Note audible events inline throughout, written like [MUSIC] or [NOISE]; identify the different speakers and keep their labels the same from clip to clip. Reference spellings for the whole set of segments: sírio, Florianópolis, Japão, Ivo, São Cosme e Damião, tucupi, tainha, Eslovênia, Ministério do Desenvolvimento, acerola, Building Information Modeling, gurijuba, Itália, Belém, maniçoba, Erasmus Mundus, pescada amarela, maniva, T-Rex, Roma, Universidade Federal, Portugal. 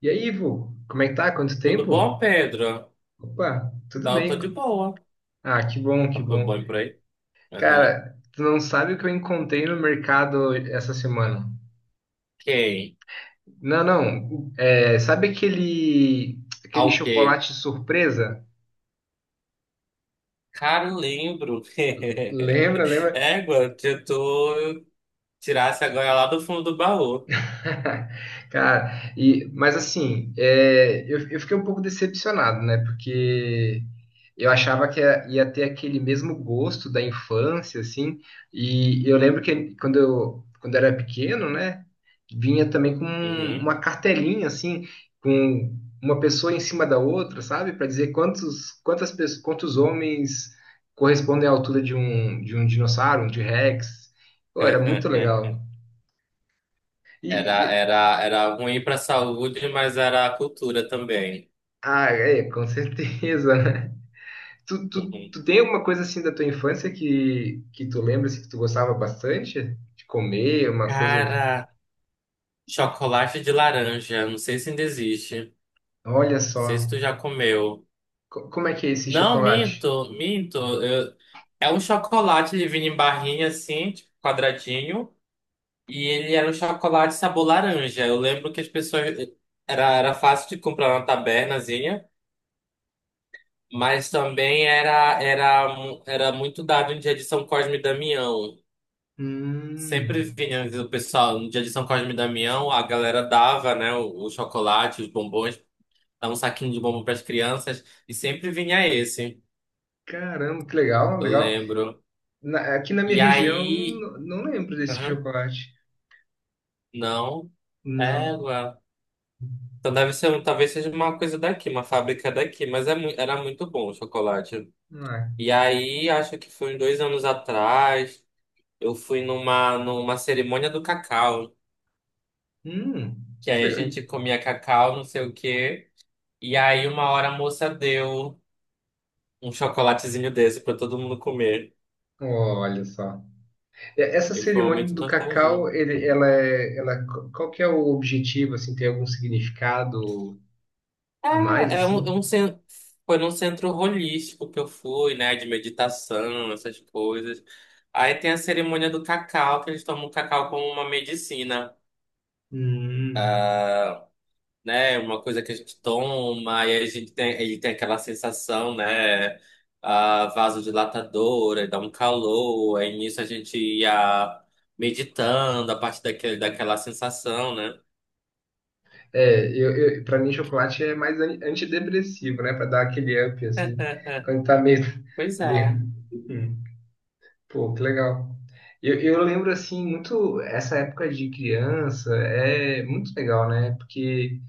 Speaker 1: E aí, Ivo, como é que tá? Quanto
Speaker 2: Tudo
Speaker 1: tempo?
Speaker 2: bom, Pedro?
Speaker 1: Opa, tudo
Speaker 2: Tá, eu tô
Speaker 1: bem.
Speaker 2: de boa.
Speaker 1: Ah, que bom,
Speaker 2: Tá
Speaker 1: que
Speaker 2: tudo
Speaker 1: bom.
Speaker 2: bom por aí? Aham.
Speaker 1: Cara, tu não sabe o que eu encontrei no mercado essa semana.
Speaker 2: Quem?
Speaker 1: Não, não. É, sabe aquele, aquele
Speaker 2: Ao quê?
Speaker 1: chocolate surpresa?
Speaker 2: Cara, eu lembro.
Speaker 1: Lembra,
Speaker 2: [LAUGHS]
Speaker 1: lembra?
Speaker 2: Égua, se tu tirasse agora lá do fundo do baú.
Speaker 1: [LAUGHS] Cara, mas assim, eu fiquei um pouco decepcionado, né? Porque eu achava que ia ter aquele mesmo gosto da infância, assim. E eu lembro que quando eu era pequeno, né? Vinha também com
Speaker 2: Uhum.
Speaker 1: uma cartelinha, assim, com uma pessoa em cima da outra, sabe? Para dizer quantos homens correspondem à altura de um dinossauro, um T-Rex. Pô, era muito legal.
Speaker 2: [LAUGHS] Era,
Speaker 1: E,
Speaker 2: era, era ruim pra saúde, mas era a cultura também.
Speaker 1: Ah, é, com certeza, [LAUGHS] né? Tu
Speaker 2: Uhum.
Speaker 1: tem alguma coisa assim da tua infância que tu lembra assim, que tu gostava bastante de comer, uma coisa.
Speaker 2: Cara, chocolate de laranja. Não sei se ainda existe. Não
Speaker 1: Olha
Speaker 2: sei
Speaker 1: só,
Speaker 2: se tu já comeu.
Speaker 1: como é que é esse
Speaker 2: Não,
Speaker 1: chocolate?
Speaker 2: minto. Eu- É um chocolate, ele vinha em barrinha assim, tipo, quadradinho, e ele era um chocolate sabor laranja. Eu lembro que as pessoas. Era fácil de comprar na tabernazinha, mas também era muito dado em dia de São Cosme e Damião. Sempre
Speaker 1: Hum,
Speaker 2: vinha o pessoal, no dia de São Cosme e Damião, a galera dava, né, o chocolate, os bombons, dava um saquinho de bombom para as crianças, e sempre vinha esse,
Speaker 1: caramba, que legal,
Speaker 2: eu
Speaker 1: legal.
Speaker 2: lembro.
Speaker 1: Aqui na minha
Speaker 2: E
Speaker 1: região,
Speaker 2: aí.
Speaker 1: não lembro desse chocolate.
Speaker 2: Não,
Speaker 1: Não,
Speaker 2: égua. Então deve ser, talvez seja uma coisa daqui, uma fábrica daqui, mas é, era muito bom o chocolate.
Speaker 1: não é.
Speaker 2: E aí, acho que foi uns dois anos atrás, eu fui numa cerimônia do cacau,
Speaker 1: Hum,
Speaker 2: que
Speaker 1: que
Speaker 2: aí a gente
Speaker 1: legal.
Speaker 2: comia cacau, não sei o quê, e aí uma hora a moça deu um chocolatezinho desse pra todo mundo comer.
Speaker 1: Olha só. Essa
Speaker 2: E foi um momento
Speaker 1: cerimônia
Speaker 2: de
Speaker 1: do
Speaker 2: nostalgia.
Speaker 1: cacau, ele, ela é, ela, qual que é o objetivo, assim, tem algum significado? A
Speaker 2: Cara,
Speaker 1: mais, assim.
Speaker 2: foi num centro holístico que eu fui, né? De meditação, essas coisas. Aí tem a cerimônia do cacau, que eles tomam o cacau como uma medicina,
Speaker 1: Hum.
Speaker 2: né? Uma coisa que a gente toma, e aí a gente tem, ele tem aquela sensação, né? Ah, vasodilatadora, dá um calor. Aí nisso a gente ia meditando a partir daquela sensação, né?
Speaker 1: É, pra mim, chocolate é mais antidepressivo, né? Pra dar aquele up, assim.
Speaker 2: [LAUGHS]
Speaker 1: Quando tá meio. [LAUGHS]
Speaker 2: Pois
Speaker 1: meio...
Speaker 2: é.
Speaker 1: Hum. Pô, que legal. Eu lembro, assim, muito. Essa época de criança é muito legal, né? Porque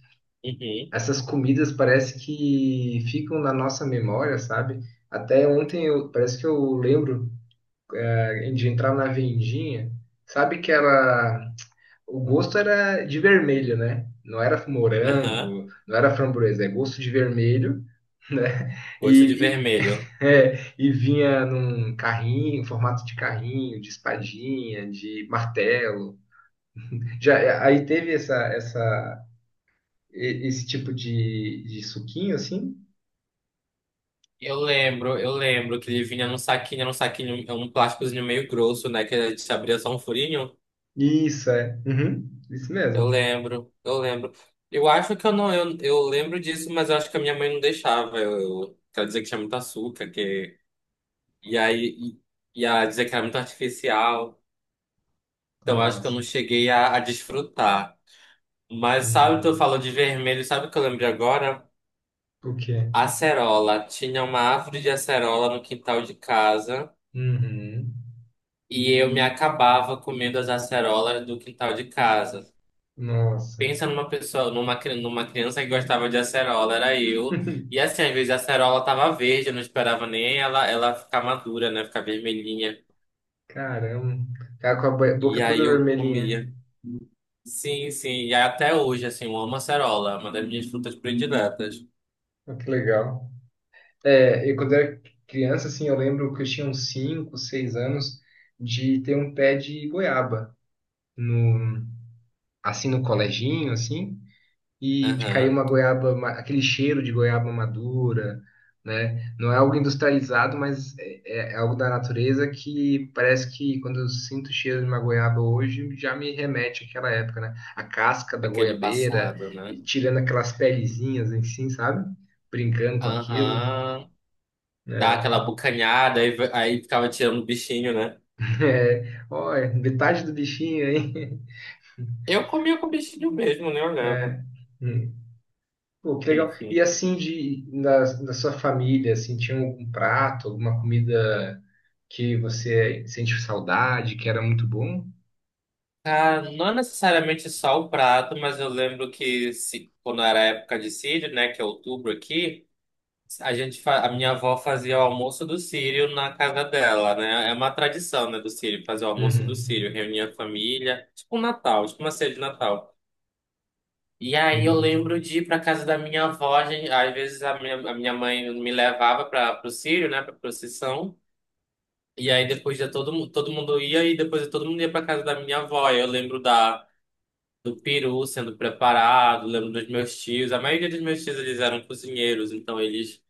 Speaker 2: Uhum.
Speaker 1: essas comidas parece que ficam na nossa memória, sabe? Até ontem, parece que eu lembro de entrar na vendinha. Sabe que ela o gosto era de vermelho, né? Não era
Speaker 2: Aham.
Speaker 1: morango, não era framboesa, é gosto de vermelho, [LAUGHS] né?
Speaker 2: Gosto de
Speaker 1: E, e,
Speaker 2: vermelho.
Speaker 1: [LAUGHS] e vinha num carrinho, em formato de carrinho, de espadinha, de martelo. Já, aí teve essa, essa, e- Esse tipo de suquinho, assim?
Speaker 2: Eu lembro que ele vinha num saquinho, era um saquinho, um plásticozinho meio grosso, né? Que a gente abria só um furinho.
Speaker 1: Isso, é. Uhum, isso
Speaker 2: Eu
Speaker 1: mesmo.
Speaker 2: lembro, eu lembro. Eu acho que eu não, eu lembro disso, mas eu acho que a minha mãe não deixava. Quero dizer que tinha muito açúcar, que e aí e a dizer que era muito artificial. Então eu acho que eu
Speaker 1: Nossa.
Speaker 2: não cheguei a desfrutar. Mas sabe o que eu
Speaker 1: Hum,
Speaker 2: falo de vermelho? Sabe o que eu lembrei agora?
Speaker 1: o quê?
Speaker 2: Acerola. Tinha uma árvore de acerola no quintal de casa.
Speaker 1: Uhum.
Speaker 2: E eu me acabava comendo as acerolas do quintal de casa.
Speaker 1: Nossa.
Speaker 2: Pensa numa pessoa, numa criança que gostava de acerola, era eu. E
Speaker 1: [LAUGHS]
Speaker 2: assim, às vezes a acerola tava verde, eu não esperava nem ela, ela ficar madura, né? Ficar vermelhinha.
Speaker 1: Caramba. Cara com a boca
Speaker 2: E aí
Speaker 1: toda
Speaker 2: eu
Speaker 1: vermelhinha.
Speaker 2: comia. Sim, sim. E até hoje, assim, eu amo acerola, é uma das minhas frutas prediletas.
Speaker 1: Olha, que legal. É, eu quando era criança, assim, eu lembro que eu tinha uns 5, 6 anos de ter um pé de goiaba no, assim, no coleginho, assim, e de cair
Speaker 2: Aham.
Speaker 1: uma goiaba, aquele cheiro de goiaba madura, né? Não é algo industrializado, mas é algo da natureza que parece que quando eu sinto o cheiro de uma goiaba hoje, já me remete àquela época, né? A casca da
Speaker 2: Aquele
Speaker 1: goiabeira,
Speaker 2: passado, né?
Speaker 1: e tirando aquelas pelezinhas, assim, sabe? Brincando com aquilo,
Speaker 2: Aham. Dá
Speaker 1: né?
Speaker 2: aquela bucanhada, aí ficava tirando o bichinho, né?
Speaker 1: [LAUGHS] É, olha, metade do bichinho aí. [LAUGHS]
Speaker 2: Eu comia com o bichinho mesmo, né?
Speaker 1: É. Hum. Pô, que legal. E
Speaker 2: Enfim.
Speaker 1: assim, da sua família, assim, tinha algum prato, alguma comida que você sente saudade, que era muito bom?
Speaker 2: Ah, não é necessariamente só o prato, mas eu lembro que se, quando era época de sírio, né, que é outubro aqui, a minha avó fazia o almoço do sírio na casa dela, né? É uma tradição, né, do sírio fazer o almoço do
Speaker 1: Uhum.
Speaker 2: sírio, reunir a família, tipo um Natal, tipo uma ceia de Natal. E aí eu
Speaker 1: Hum.
Speaker 2: lembro de ir para casa da minha avó, às vezes a minha mãe me levava para o sírio, né, para procissão. E aí depois todo mundo ia e depois todo mundo ia para casa da minha avó. Eu lembro da do peru sendo preparado, lembro dos meus tios. A maioria dos meus tios eles eram cozinheiros, então eles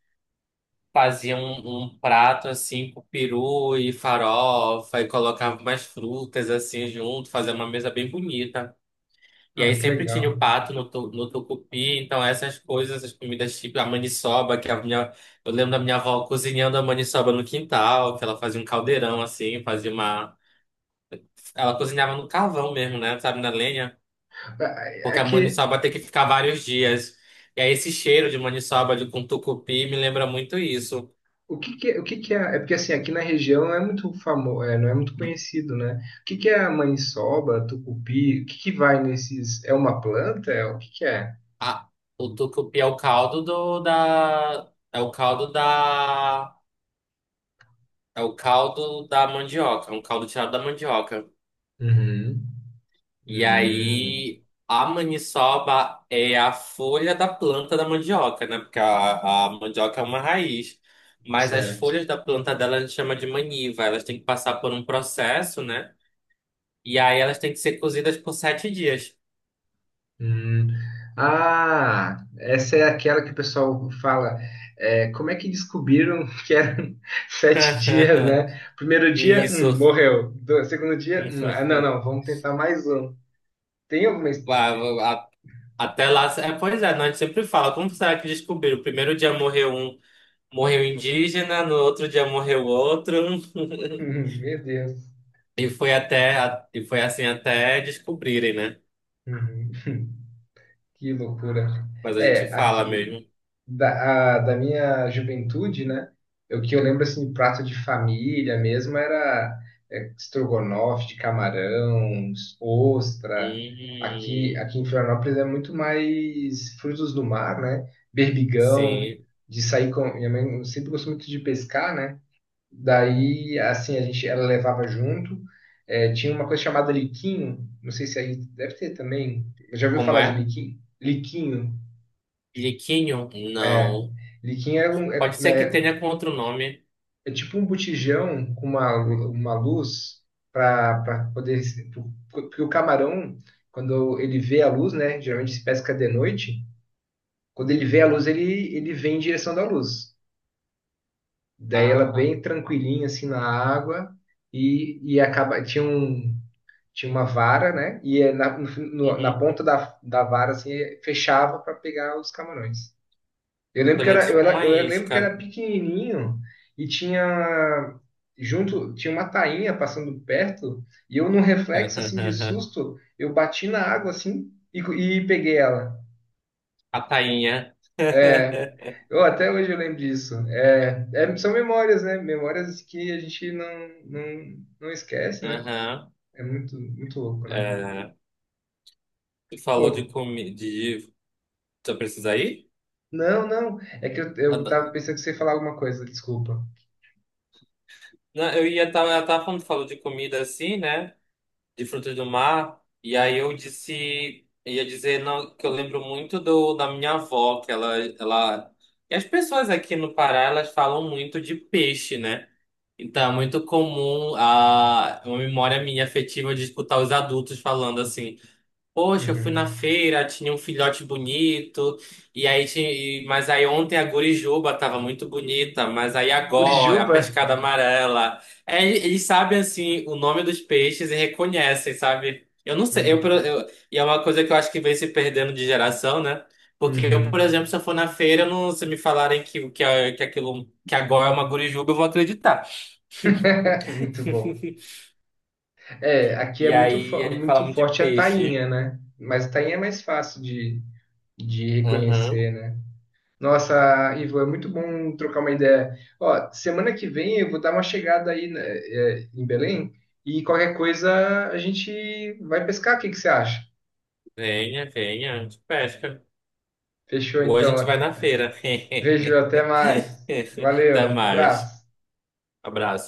Speaker 2: faziam um prato assim com peru e farofa e colocavam mais frutas assim junto, fazia uma mesa bem bonita. E aí
Speaker 1: Ah, que
Speaker 2: sempre tinha
Speaker 1: legal.
Speaker 2: o pato no tucupi, então essas coisas, essas comidas tipo a maniçoba, eu lembro da minha avó cozinhando a maniçoba no quintal, que ela fazia um caldeirão assim, fazia uma, ela cozinhava no carvão mesmo, né, sabe, na lenha.
Speaker 1: Ah,
Speaker 2: Porque a
Speaker 1: aqui,
Speaker 2: maniçoba tem que ficar vários dias. E aí esse cheiro de maniçoba de, com tucupi me lembra muito isso.
Speaker 1: o que que é? É porque assim, aqui na região não é muito famoso, não é muito conhecido, né? O que que é a maniçoba, tucupi? O que que vai nesses? É uma planta? É, o que que é?
Speaker 2: Ah, o tucupi é o caldo do, da... É o caldo da... É o caldo da mandioca. É um caldo tirado da mandioca.
Speaker 1: Uhum.
Speaker 2: E
Speaker 1: Hum.
Speaker 2: aí a maniçoba é a folha da planta da mandioca, né? Porque a mandioca é uma raiz. Mas as
Speaker 1: Certo.
Speaker 2: folhas da planta dela a gente chama de maniva. Elas têm que passar por um processo, né? E aí elas têm que ser cozidas por sete dias.
Speaker 1: Hum. Ah, essa é aquela que o pessoal fala. É, como é que descobriram [LAUGHS] que eram sete dias,
Speaker 2: [LAUGHS]
Speaker 1: né? Primeiro dia,
Speaker 2: Isso.
Speaker 1: morreu. Segundo dia, ah, não, não, vamos tentar mais um. Tem alguma
Speaker 2: Ah, a- Até lá. É, pois é, nós sempre fala, como será que descobriram? O primeiro dia morreu um indígena, no outro dia morreu outro. [LAUGHS]
Speaker 1: [LAUGHS] Meu Deus.
Speaker 2: E foi assim até descobrirem, né?
Speaker 1: Uhum, que loucura.
Speaker 2: Mas a gente
Speaker 1: É,
Speaker 2: fala
Speaker 1: aqui,
Speaker 2: mesmo.
Speaker 1: da minha juventude, né? O que eu lembro, assim, prato de família mesmo era estrogonofe de camarão, ostra. Aqui,
Speaker 2: Hum,
Speaker 1: aqui em Florianópolis é muito mais frutos do mar, né? Berbigão,
Speaker 2: sim.
Speaker 1: de sair com... Minha mãe sempre gostou muito de pescar, né? Daí, assim, a gente, ela levava junto. É, tinha uma coisa chamada liquinho, não sei se aí deve ter também. Já ouviu
Speaker 2: Como
Speaker 1: falar de
Speaker 2: é?
Speaker 1: liquinho? Liquinho.
Speaker 2: Liquinho? Não.
Speaker 1: Liquinho é,
Speaker 2: Pode ser que tenha com outro nome.
Speaker 1: é tipo um botijão com uma luz para poder porque o camarão, quando ele vê a luz, né? Geralmente se pesca de noite. Quando ele vê a luz, ele vem em direção da luz. Daí ela é
Speaker 2: Ah,
Speaker 1: bem tranquilinha assim na água e acaba. Tinha um, tinha uma vara, né? E é na, na
Speaker 2: uhum.
Speaker 1: ponta da, da vara assim, fechava para pegar os camarões. Eu lembro que
Speaker 2: Olha, tipo
Speaker 1: era,
Speaker 2: uma
Speaker 1: eu lembro que era
Speaker 2: isca.
Speaker 1: pequenininho e tinha junto, tinha uma tainha passando perto e eu num reflexo assim de
Speaker 2: [LAUGHS]
Speaker 1: susto, eu bati na água assim e peguei ela.
Speaker 2: A tainha.
Speaker 1: É,
Speaker 2: [LAUGHS]
Speaker 1: eu até hoje eu lembro disso. São memórias, né? Memórias que a gente não esquece, né?
Speaker 2: Aham.
Speaker 1: É muito, muito louco, né?
Speaker 2: É, tu falou de
Speaker 1: Pô,
Speaker 2: comida. De... Tu precisa ir?
Speaker 1: não, não. É que eu,
Speaker 2: Ah,
Speaker 1: eu
Speaker 2: da-
Speaker 1: tava pensando que você ia falar alguma coisa, desculpa.
Speaker 2: Não, eu ia estar. Ela tava falando, falou de comida assim, né? De frutos do mar. E aí eu disse. Ia dizer não, que eu lembro muito da minha avó, que ela. E as pessoas aqui no Pará, elas falam muito de peixe, né? Então é muito comum a uma memória minha afetiva de escutar os adultos falando assim. Poxa, eu fui na
Speaker 1: Uhum.
Speaker 2: feira, tinha um filhote bonito, e aí tinha, mas aí ontem a gurijuba tava muito bonita, mas aí agora, a
Speaker 1: Curitiba?
Speaker 2: pescada amarela. É, eles sabem assim o nome dos peixes e reconhecem, sabe? Eu não sei,
Speaker 1: Hum,
Speaker 2: e é uma coisa que eu acho que vem se perdendo de geração, né? Porque eu, por
Speaker 1: Uhum.
Speaker 2: exemplo, se eu for na feira, eu não, se me falarem que aquilo que agora é uma gurijuba, eu vou acreditar.
Speaker 1: [LAUGHS] Muito bom.
Speaker 2: [LAUGHS]
Speaker 1: É, aqui é
Speaker 2: E
Speaker 1: muito,
Speaker 2: aí a gente fala
Speaker 1: muito
Speaker 2: muito de
Speaker 1: forte a
Speaker 2: peixe.
Speaker 1: tainha, né? Mas a tainha é mais fácil de
Speaker 2: Aham.
Speaker 1: reconhecer, né? Nossa, Ivo, é muito bom trocar uma ideia. Ó, semana que vem eu vou dar uma chegada aí, né, em Belém e qualquer coisa a gente vai pescar. O que que você acha?
Speaker 2: Venha, venha, a gente pesca.
Speaker 1: Fechou
Speaker 2: Ou a
Speaker 1: então.
Speaker 2: gente vai na feira. [LAUGHS]
Speaker 1: Vejo, até mais.
Speaker 2: Até
Speaker 1: Valeu,
Speaker 2: mais,
Speaker 1: abraço.
Speaker 2: abraço.